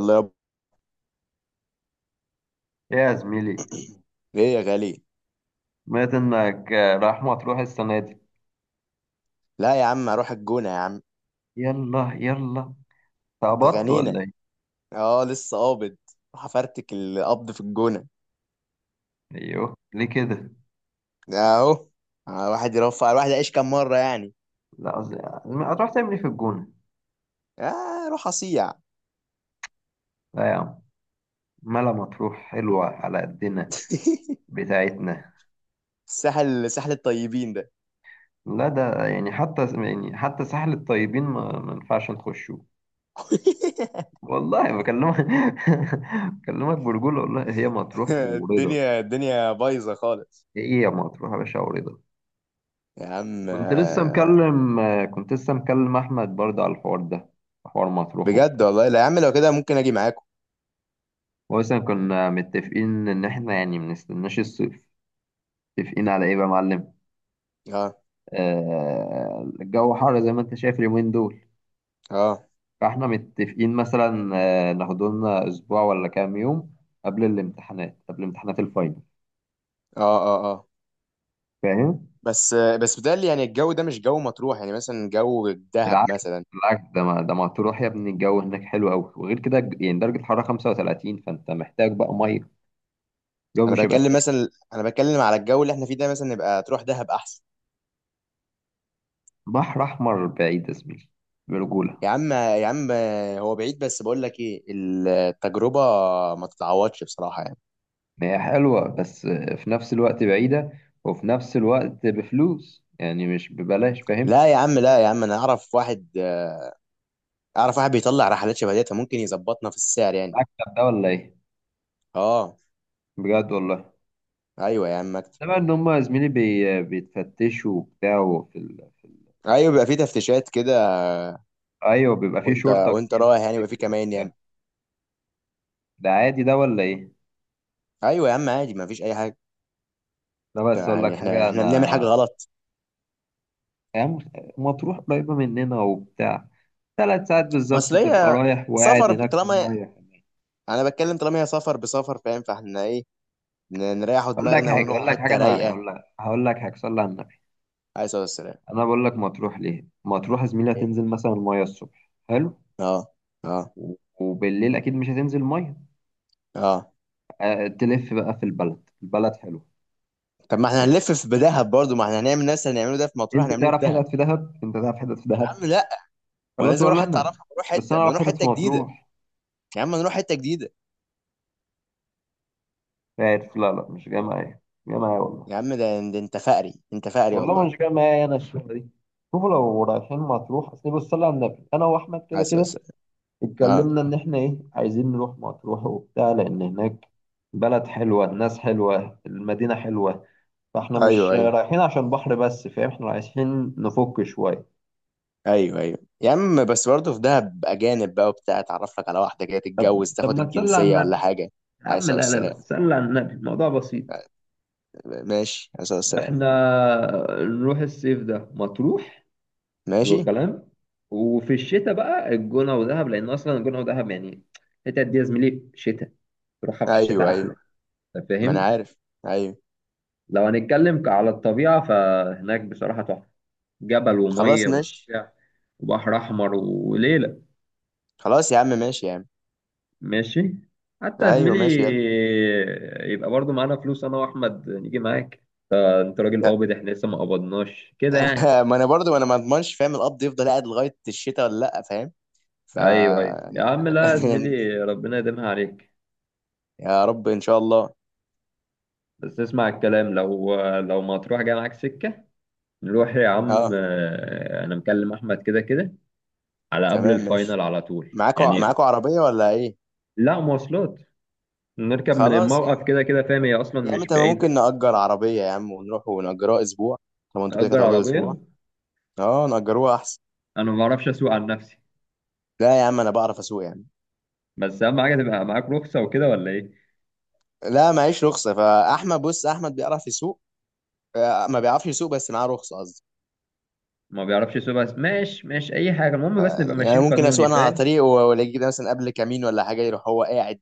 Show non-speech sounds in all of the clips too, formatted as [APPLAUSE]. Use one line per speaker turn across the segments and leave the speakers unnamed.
الله يابا.
يا زميلي،
ايه يا غالي.
سمعت انك رايح مطروح السنة دي.
لا يا عم، اروح الجونه يا عم.
يلا. تعبطت
اتغنينا.
ولا ايه؟
اه لسه قابض. راح افرتك القبض في الجونه.
ايوه، ليه كده؟
اهو. واحد يرفع، الواحد يعيش كام مره يعني.
لا عز- هتروح تعمل ايه في الجونة؟
اه، روح اصيع.
لا يا عم، ملا مطروح حلوة على قدنا،
[LAUGHS]
بتاعتنا.
الساحل، ساحل الطيبين ده.
لا، ده يعني حتى ساحل الطيبين ما ينفعش نخشه.
[LAUGHS]
والله بكلمك [LAUGHS] بكلمك برجولة، والله هي مطروح ورضا.
الدنيا الدنيا بايظه خالص.
ايه يا مطروح يا باشا ورضا.
يا عم.
كنت لسه مكلم كنت لسه مكلم احمد برضه على الحوار ده، حوار مطروح
بجد
وبتاع.
والله، لا يا عم لو كده ممكن اجي معاكم.
مثلا كنا متفقين ان احنا يعني منستناش الصيف. متفقين على ايه بقى يا معلم؟
اه
آه، الجو حر زي ما انت شايف اليومين دول.
اه
فاحنا متفقين مثلا، آه، ناخد لنا اسبوع ولا كام يوم قبل الامتحانات، قبل امتحانات الفاينل،
اه. اه اه.
فاهم.
بس بس بتهيألي يعني الجو ده مش جو مطروح، يعني مثلا جو الدهب
بالعكس،
مثلا.
بالعكس، ده ما تروح يا ابني، الجو هناك حلو قوي. وغير كده يعني درجة الحرارة 35، فانت محتاج بقى ميه. الجو مش هيبقى سهل.
انا بتكلم على الجو اللي احنا فيه ده، مثلا نبقى تروح دهب احسن.
بحر احمر بعيد يا زميلي، برجولة.
يا عم يا عم، هو بعيد بس بقول لك ايه، التجربه ما تتعوضش بصراحه يعني.
هي حلوة بس في نفس الوقت بعيدة، وفي نفس الوقت بفلوس، يعني مش ببلاش، فاهم.
لا يا عم، لا يا عم، انا اعرف واحد. بيطلع رحلات شبه ديت، ممكن يظبطنا في السعر يعني.
المكتب ده ولا ايه؟
اه.
بجد والله.
ايوه يا عم اكتب.
انما ان هم يا زميلي بيتفتشوا وبتاع في
ايوه، بيبقى في تفتيشات كده.
ايوه، بيبقى في
وانت
شرطة
وانت
كتير في
رايح يعني بيبقى في
السكة
كمان يعني.
وبتاع. ده عادي ده ولا ايه.
ايوه يا عم عادي، ما فيش اي حاجه.
ده بس اقول
يعني
لك
احنا
حاجة
احنا بنعمل حاجه
انا،
غلط؟
يعني مطروح قريبة مننا وبتاع. ثلاث ساعات بالظبط تبقى
مصريه.
رايح وقاعد
سفر
هناك في
طالما.
المية.
انا بتكلم طالما هي سفر بسفر، فاهم؟ فاحنا ايه، نريحوا
اقول لك
دماغنا
حاجة اقول
ونروحوا
لك حاجة
حتة
انا
رايقة.
اقول لك هقول لك حاجة، صلي على النبي.
عليه الصلاة والسلام.
انا بقول لك مطروح، ليه مطروح يا زميلي؟
إيه.
هتنزل مثلا ميه الصبح، حلو.
اه اه
و- وبالليل اكيد مش هتنزل ميه.
اه.
أه، تلف بقى في البلد، البلد حلو.
طب ما احنا
خش.
هنلف في دهب برضو، ما احنا هنعمل نفس اللي هنعمله ده في مطروح
انت
هنعمله في
تعرف
دهب.
حتت في دهب؟ انت تعرف حتت في
يا
دهب؟
عم لا. وانا
خلاص،
لازم اروح
ولا
حته
انا
اعرفها؟ نروح
بس
حته،
انا
ما
اعرف
نروح
حتت
حته
في
جديده.
مطروح.
يا عم نروح حته جديده.
عارف، لا لا، مش جاي معايا. مش جاي معايا والله
يا عم، ده انت فقري، انت فقري
والله
والله.
مش جاي معايا انا الشغله دي. شوفوا، لو رايحين مطروح اصل بص، صلي على النبي، انا واحمد كده
عايز أقول
كده
لك. اه.
اتكلمنا ان احنا ايه، عايزين نروح مطروح وبتاع، لان هناك بلد حلوه، الناس حلوه، المدينه حلوه. فاحنا
ايوه
مش
ايوه.
رايحين عشان بحر بس، فاهم، احنا رايحين نفك شوية.
ايوه ايوه يا عم، بس برضه في دهب اجانب بقى وبتاع، اتعرف لك على واحده كده تتجوز،
طب
تاخد
ما تسلى على
الجنسيه
النبي.
ولا حاجه.
يا
عايز
عم، لا لا
السلام.
لا، تسلى على النبي، الموضوع بسيط.
ماشي، عايز السلام.
احنا نروح الصيف ده مطروح، حلو
ماشي.
الكلام. وفي الشتاء بقى الجونة ودهب، لأن أصلا الجونة ودهب يعني الحتت دي يا زميلي شتاء، تروحها في الشتاء
ايوه ايوه،
أحلى. أنت
ما انا
فاهم.
عارف. ايوه.
لو هنتكلم على الطبيعة، فهناك بصراحة تحفة، جبل
خلاص
ومية
ماشي.
وبتاع، وبحر أحمر وليلة.
خلاص يا عم ماشي يا عم.
ماشي. حتى يا
ايوه
زميلي
ماشي يلا.
يبقى برضو معانا فلوس انا واحمد نيجي معاك. آه، انت راجل قابض، احنا لسه ما قبضناش كده
[LAUGHS]
يعني.
ما انا برضو ما اضمنش، فاهم؟ القبض يفضل قاعد لغايه الشتاء ولا لا، فاهم؟ ف
ايوه ايوه يا عم، لا يا
أنا- [LAUGHS]
زميلي، ربنا يديمها عليك.
يا رب ان شاء الله.
بس اسمع الكلام، لو ما تروح جاي معاك سكه. نروح يا عم،
اه.
آه، انا مكلم احمد كده كده، على قبل
تمام
الفاينل،
ماشي.
على طول
معاكوا
يعني.
معاكوا عربيه ولا ايه؟
لا، مواصلات. نركب من
خلاص يا
الموقف
عم.
كده كده، فاهم، هي اصلا
يا عم
مش
تمام،
بعيده.
ممكن نأجر عربيه يا عم ونروح ونأجروها اسبوع. طب انتوا كده كده
نأجر
هتقعدوا اسبوع.
عربيه.
اه نأجروها احسن.
انا ما بعرفش اسوق عن نفسي.
لا يا عم انا بعرف اسوق يا عم.
بس اهم حاجه تبقى معاك رخصه وكده ولا ايه.
لا معيش رخصه، فاحمد، بص، احمد بيعرف يسوق. ما بيعرفش يسوق، بس معاه رخصه قصدي.
ما بيعرفش يسوق، بس ماشي ماشي اي حاجه، المهم بس نبقى
يعني
ماشيين
ممكن اسوق
قانوني،
انا على
فاهم.
طريق والاقي كده مثلا قبل كمين ولا حاجه، يروح هو قاعد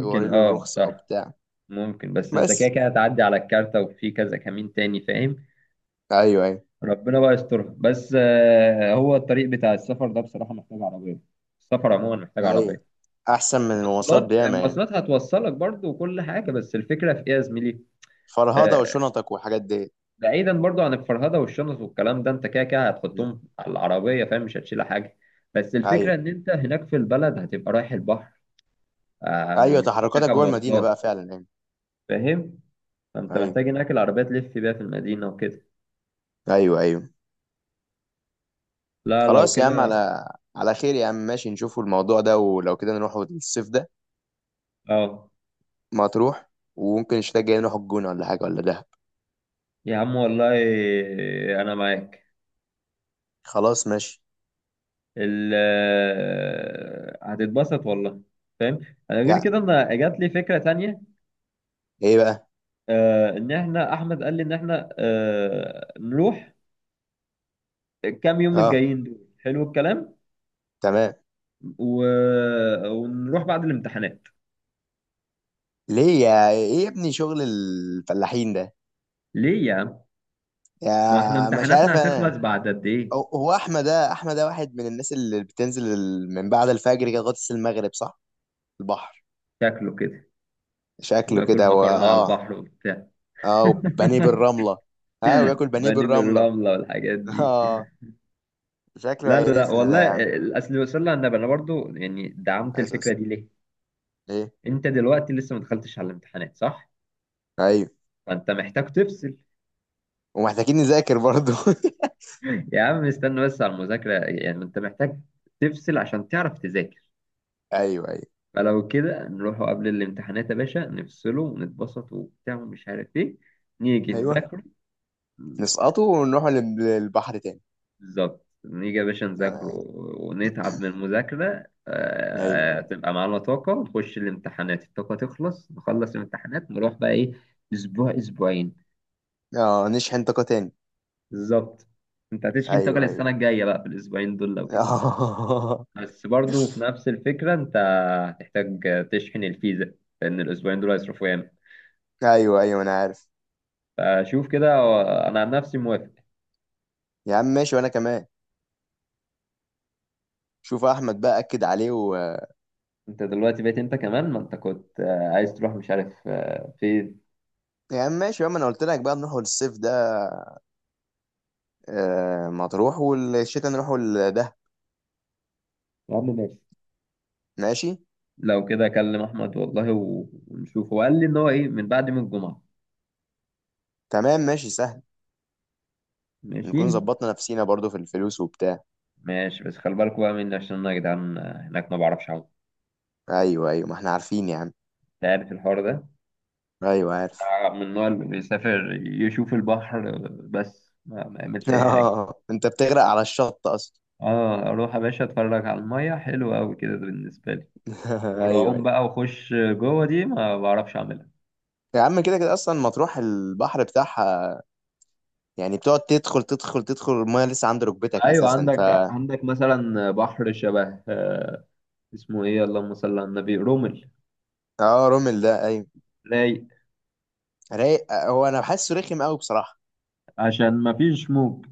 يوري له
اه
الرخصه او
صح،
بتاع.
ممكن. بس انت كده
بس.
كده هتعدي على الكارتة وفي كذا كمين تاني، فاهم.
ايوه ايوه.
ربنا بقى يسترها، بس آه، هو الطريق بتاع السفر ده بصراحه محتاج عربيه. السفر عموما محتاج
ايوه.
عربيه.
احسن من المواصلات
مواصلات، آه،
بياما يعني.
مواصلات هتوصلك برضو وكل حاجه، بس الفكره في ايه يا زميلي.
فرهضه
آه،
وشنطك وحاجات دي.
بعيدا برضو عن الفرهده والشنط والكلام ده، انت كده كده
م.
هتحطهم على العربيه، فاهم، مش هتشيل حاجه. بس
ايوه
الفكره ان انت هناك في البلد هتبقى رايح البحر، آه،
ايوه،
مش
تحركاتك
بتركب
جوه المدينه بقى
مواصلات،
فعلا يعني.
فاهم. فانت
ايوه
محتاج هناك العربية تلف بيها في المدينة وكده.
ايوه. ايوه.
لا لو
خلاص يا عم،
كده.
على خير يا عم ماشي، نشوفوا الموضوع ده، ولو كده نروح الصيف ده.
اه
ما تروح. وممكن الشتاء الجاي نروح الجونه ولا حاجه ولا دهب.
يا عم والله، انا معاك.
خلاص ماشي.
ال آه، هتتبسط والله، فاهم. انا غير
يا
كده انا جات لي فكرة تانية.
ايه بقى.
آه، ان احنا، احمد قال لي ان احنا، آه، نروح الكام يوم
اه
الجايين دول، حلو الكلام.
تمام.
و... ونروح بعد الامتحانات.
ليه يا ايه يا ابني شغل الفلاحين ده؟
ليه يا عم، ما احنا
يا مش عارف
امتحاناتنا
انا.
هتخلص بعد قد ايه.
هو احمد ده، واحد من الناس اللي بتنزل من بعد الفجر كده لغايه المغرب، صح؟ البحر.
شكله كده،
شكله
واكل
كده
مكرونه على
اه.
البحر وبتاع
اه وبانيه
[LAUGHS]
بالرمله. اه وياكل بانيه
بانيه
بالرمله.
بالرمله والحاجات
[LAUGHS]
دي.
اه. شكله
لا لا لا
هيقرفنا ده
والله.
يا عم.
الاصل صلى على النبي، انا برضو يعني دعمت الفكره
اساسا.
دي ليه.
إيه؟
انت دلوقتي لسه ما دخلتش على الامتحانات، صح.
ايوه.
فانت محتاج تفصل.
ومحتاجين نذاكر برضو.
[LAUGHS] يا عم استنى بس على المذاكره، يعني ما انت محتاج تفصل عشان تعرف تذاكر.
[LAUGHS] ايوه ايوه.
فلو كده نروحوا قبل الامتحانات يا باشا، نفصله ونتبسط وبتاع ومش عارف ايه، نيجي
ايوه.
نذاكره.
نسقطه ونروح للبحر تاني.
بالظبط، نيجي يا باشا
[CLEARS THROAT]
نذاكره
ايوه.
ونتعب من المذاكرة، آه،
أيوه.
تبقى معانا طاقة ونخش الامتحانات، الطاقة تخلص نخلص الامتحانات، نروح بقى إيه، أسبوع، أسبوعين.
اه نشحن طاقه تاني.
بالظبط، أنت هتشحن طاقة
ايوه
للسنة
أيوه.
الجاية بقى في الأسبوعين دول، لو كده.
[LAUGHS]
بس برضو في نفس الفكرة أنت هتحتاج تشحن الفيزا، لأن الأسبوعين دول هيصرفوا ياما.
ايوه ايوه انا عارف.
فشوف كده أنا عن نفسي موافق.
يا عم ماشي وانا كمان. شوف احمد بقى اكد عليه
أنت دلوقتي بقيت أنت كمان، ما أنت كنت آه، عايز تروح مش عارف آه، فين.
يا عم ماشي يا عم، انا قلت لك بقى نروحوا للصيف ده، آه مطروح، والشتاء نروحوا لده.
يا عم ماشي.
ماشي.
لو كده اكلم احمد والله ونشوف، هو قال لي ان هو ايه من بعد يوم الجمعه.
تمام ماشي سهل.
ماشي
نكون ظبطنا نفسينا برضو في الفلوس وبتاع.
ماشي. بس خلي بالكوا بقى مني، عشان انا يا جدعان هناك ما بعرفش اعوم.
ايوه ايوه ما احنا عارفين يا عم.
انت عارف الحوار ده،
ايوه عارف.
من النوع اللي بيسافر يشوف البحر بس ما
[LAUGHS]
يعملش اي حاجه.
اه انت بتغرق على الشط اصلا.
اه، اروح يا باشا اتفرج على الميه، حلو قوي كده بالنسبه لي.
[LAUGHS] ايوه
والعوم
ايوه.
بقى واخش جوه دي ما بعرفش اعملها.
يا عم كده كده اصلا مطروح البحر بتاعها، يعني بتقعد تدخل تدخل تدخل المايه لسه عند ركبتك
ايوه،
اساسا.
عندك مثلا بحر شبه، آه، اسمه ايه، اللهم صل على النبي، رمل.
اه رومل ده ايوه.
رايق،
رايق. هو انا بحسه رخم قوي بصراحه.
عشان ما فيش موج.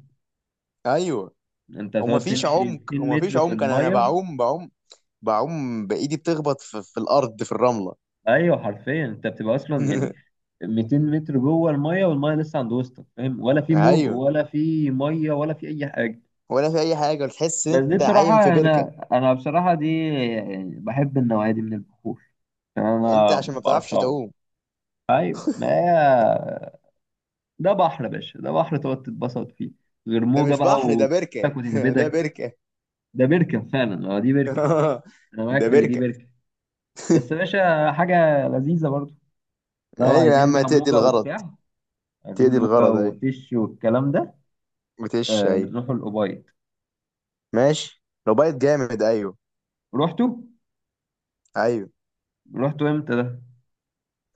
ايوه.
انت
وما
تقعد
فيش
تمشي
عمق،
200
وما فيش
متر في
عمق، انا
الميه.
بعوم، بعوم بايدي بتخبط في الارض في الرمله.
ايوه حرفيا، انت بتبقى اصلا يعني
[LAUGHS]
200 متر جوه الميه، والميه لسه عند وسطك، فاهم، ولا في موج
ايوه.
ولا في ميه ولا في اي حاجه.
ولا في اي حاجه، وتحس ان
بس دي
انت عايم في
بصراحه،
بركه.
انا بصراحه دي يعني بحب النوعيه دي من البحور، عشان انا
انت
ما
عشان ما بتعرفش
بعرفش اعوم.
تعوم.
ايوه، ما هي، ده بحر يا باشا، ده بحر تقعد تتبسط فيه، غير
ده
موجه
مش
بقى
بحر، ده بركه.
وتك
[LAUGHS] ده
وتهبدك.
بركه.
ده بركه فعلا، اه دي بركه.
[LAUGHS]
انا معاك
ده
في ان دي
بركه.
بركه. بس يا باشا حاجه لذيذه برضه. لو
ايوه يا
عايزين
عم
بقى
هتقضي
موجة
الغرض.
وبتاع، عايزين
تقضي
موجة
الغرض ايوه.
وتش والكلام ده،
بتش
آه،
ايوه.
نروحوا الأوبايد.
ماشي لو بايت جامد ايوه.
رحتوا؟
ايوه.
رحتوا امتى ده؟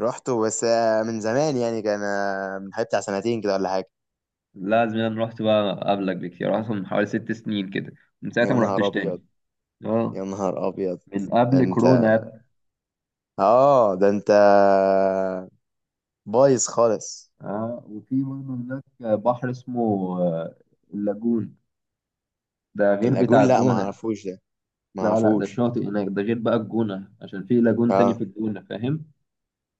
رحته، بس من زمان يعني، كان من حوالي بتاع سنتين كده ولا حاجه.
لازم. انا رحت بقى قبلك بكتير، رحت من حوالي ست سنين كده، من ساعتها
يا
ما
نهار
رحتش
ابيض.
تاني.
يا
اه،
نهار ابيض.
من
ده
قبل
انت.
كورونا يا ابني.
اه ده انت بايظ خالص.
اه، وفي برضه هناك بحر اسمه، آه، اللاجون. ده غير بتاع
اللاجون؟ لا ما
الجونة.
اعرفوش ده. ما
لا لا، ده
اعرفوش.
شاطئ هناك، ده غير بقى الجونة، عشان في لاجون تاني
اه.
في الجونة، فاهم؟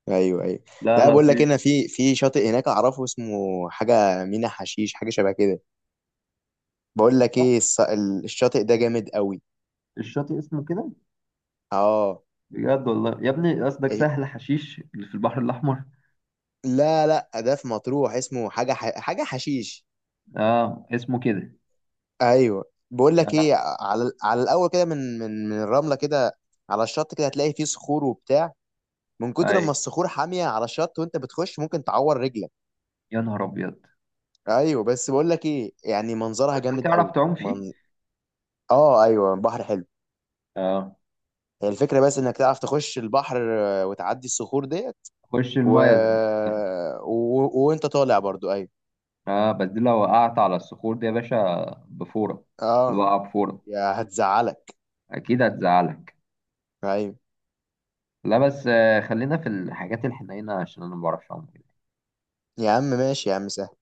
ايوه ايوه.
لا
لا
لا
بقول لك، هنا
فيش.
في شاطئ هناك اعرفه اسمه حاجه مينا حشيش، حاجه شبه كده. بقول لك
لا،
ايه، الشاطئ ده جامد قوي.
الشاطئ اسمه كده.
اه.
بجد والله يا ابني، قصدك
إيه-
سهل حشيش اللي في البحر الأحمر.
لا لا، ده في مطروح اسمه حاجه حاجه حشيش.
اه اسمه كده.
ايوه. بقول لك
اه.
ايه، على الاول كده، من الرمله كده، على الشط كده هتلاقي فيه صخور وبتاع. من
اي،
كتر ما الصخور حاميه على الشط وانت بتخش ممكن تعور رجلك.
يا نهار أبيض.
ايوه. بس بقول لك ايه، يعني منظرها
بس ده
جامد
تعرف
قوي.
تعوم فيه.
من اه ايوه بحر حلو.
اه.
هي الفكره، بس انك تعرف تخش البحر وتعدي الصخور ديت.
خش
و...
المايه ذات نفسها.
وانت طالع برضو ايوه.
اه، بس دي لو وقعت على الصخور دي يا باشا، بفورة. اللي
اه.
وقع بفورة،
يا هتزعلك.
أكيد هتزعلك.
ايوه.
لا بس آه، خلينا في الحاجات الحنينة عشان أنا ما بعرفش أعوم كده،
يا عم ماشي يا عم سهل.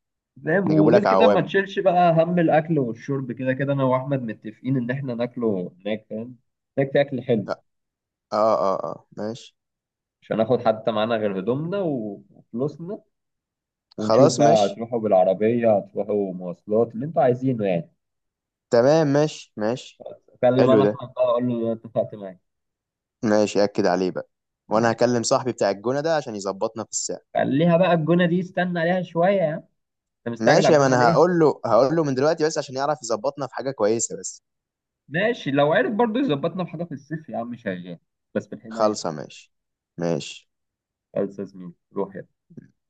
فاهم.
نجيبوا
وغير
لك
كده ما
عوامه.
تشيلش بقى هم الأكل والشرب، كده كده أنا وأحمد متفقين إن إحنا ناكله هناك، فاهم، ناكل أكل حلو.
اه اه اه ماشي.
مش هناخد حتى معانا غير هدومنا وفلوسنا. ونشوف
خلاص
بقى
ماشي.
هتروحوا بالعربية هتروحوا مواصلات اللي انتوا عايزينه يعني.
تمام ماشي ماشي.
اكلم
حلو
انا
ده.
احمد بقى اقول له اتفقت معاك.
ماشي اكد عليه بقى. وانا هكلم صاحبي بتاع الجونه ده عشان يظبطنا في الساعه.
خليها بقى الجونة دي، استنى عليها شوية يا عم. انت مستعجل على
ماشي ما
الجونة
انا
ليه؟
هقول له من دلوقتي، بس عشان يعرف يظبطنا في حاجة كويسة بس.
ماشي، لو عرف برضه يظبطنا بحاجة في الصيف يا عم شغال. بس في الحناية
خالصة
بقى.
ماشي. ماشي.
خلص يا زميلي، روح يلا.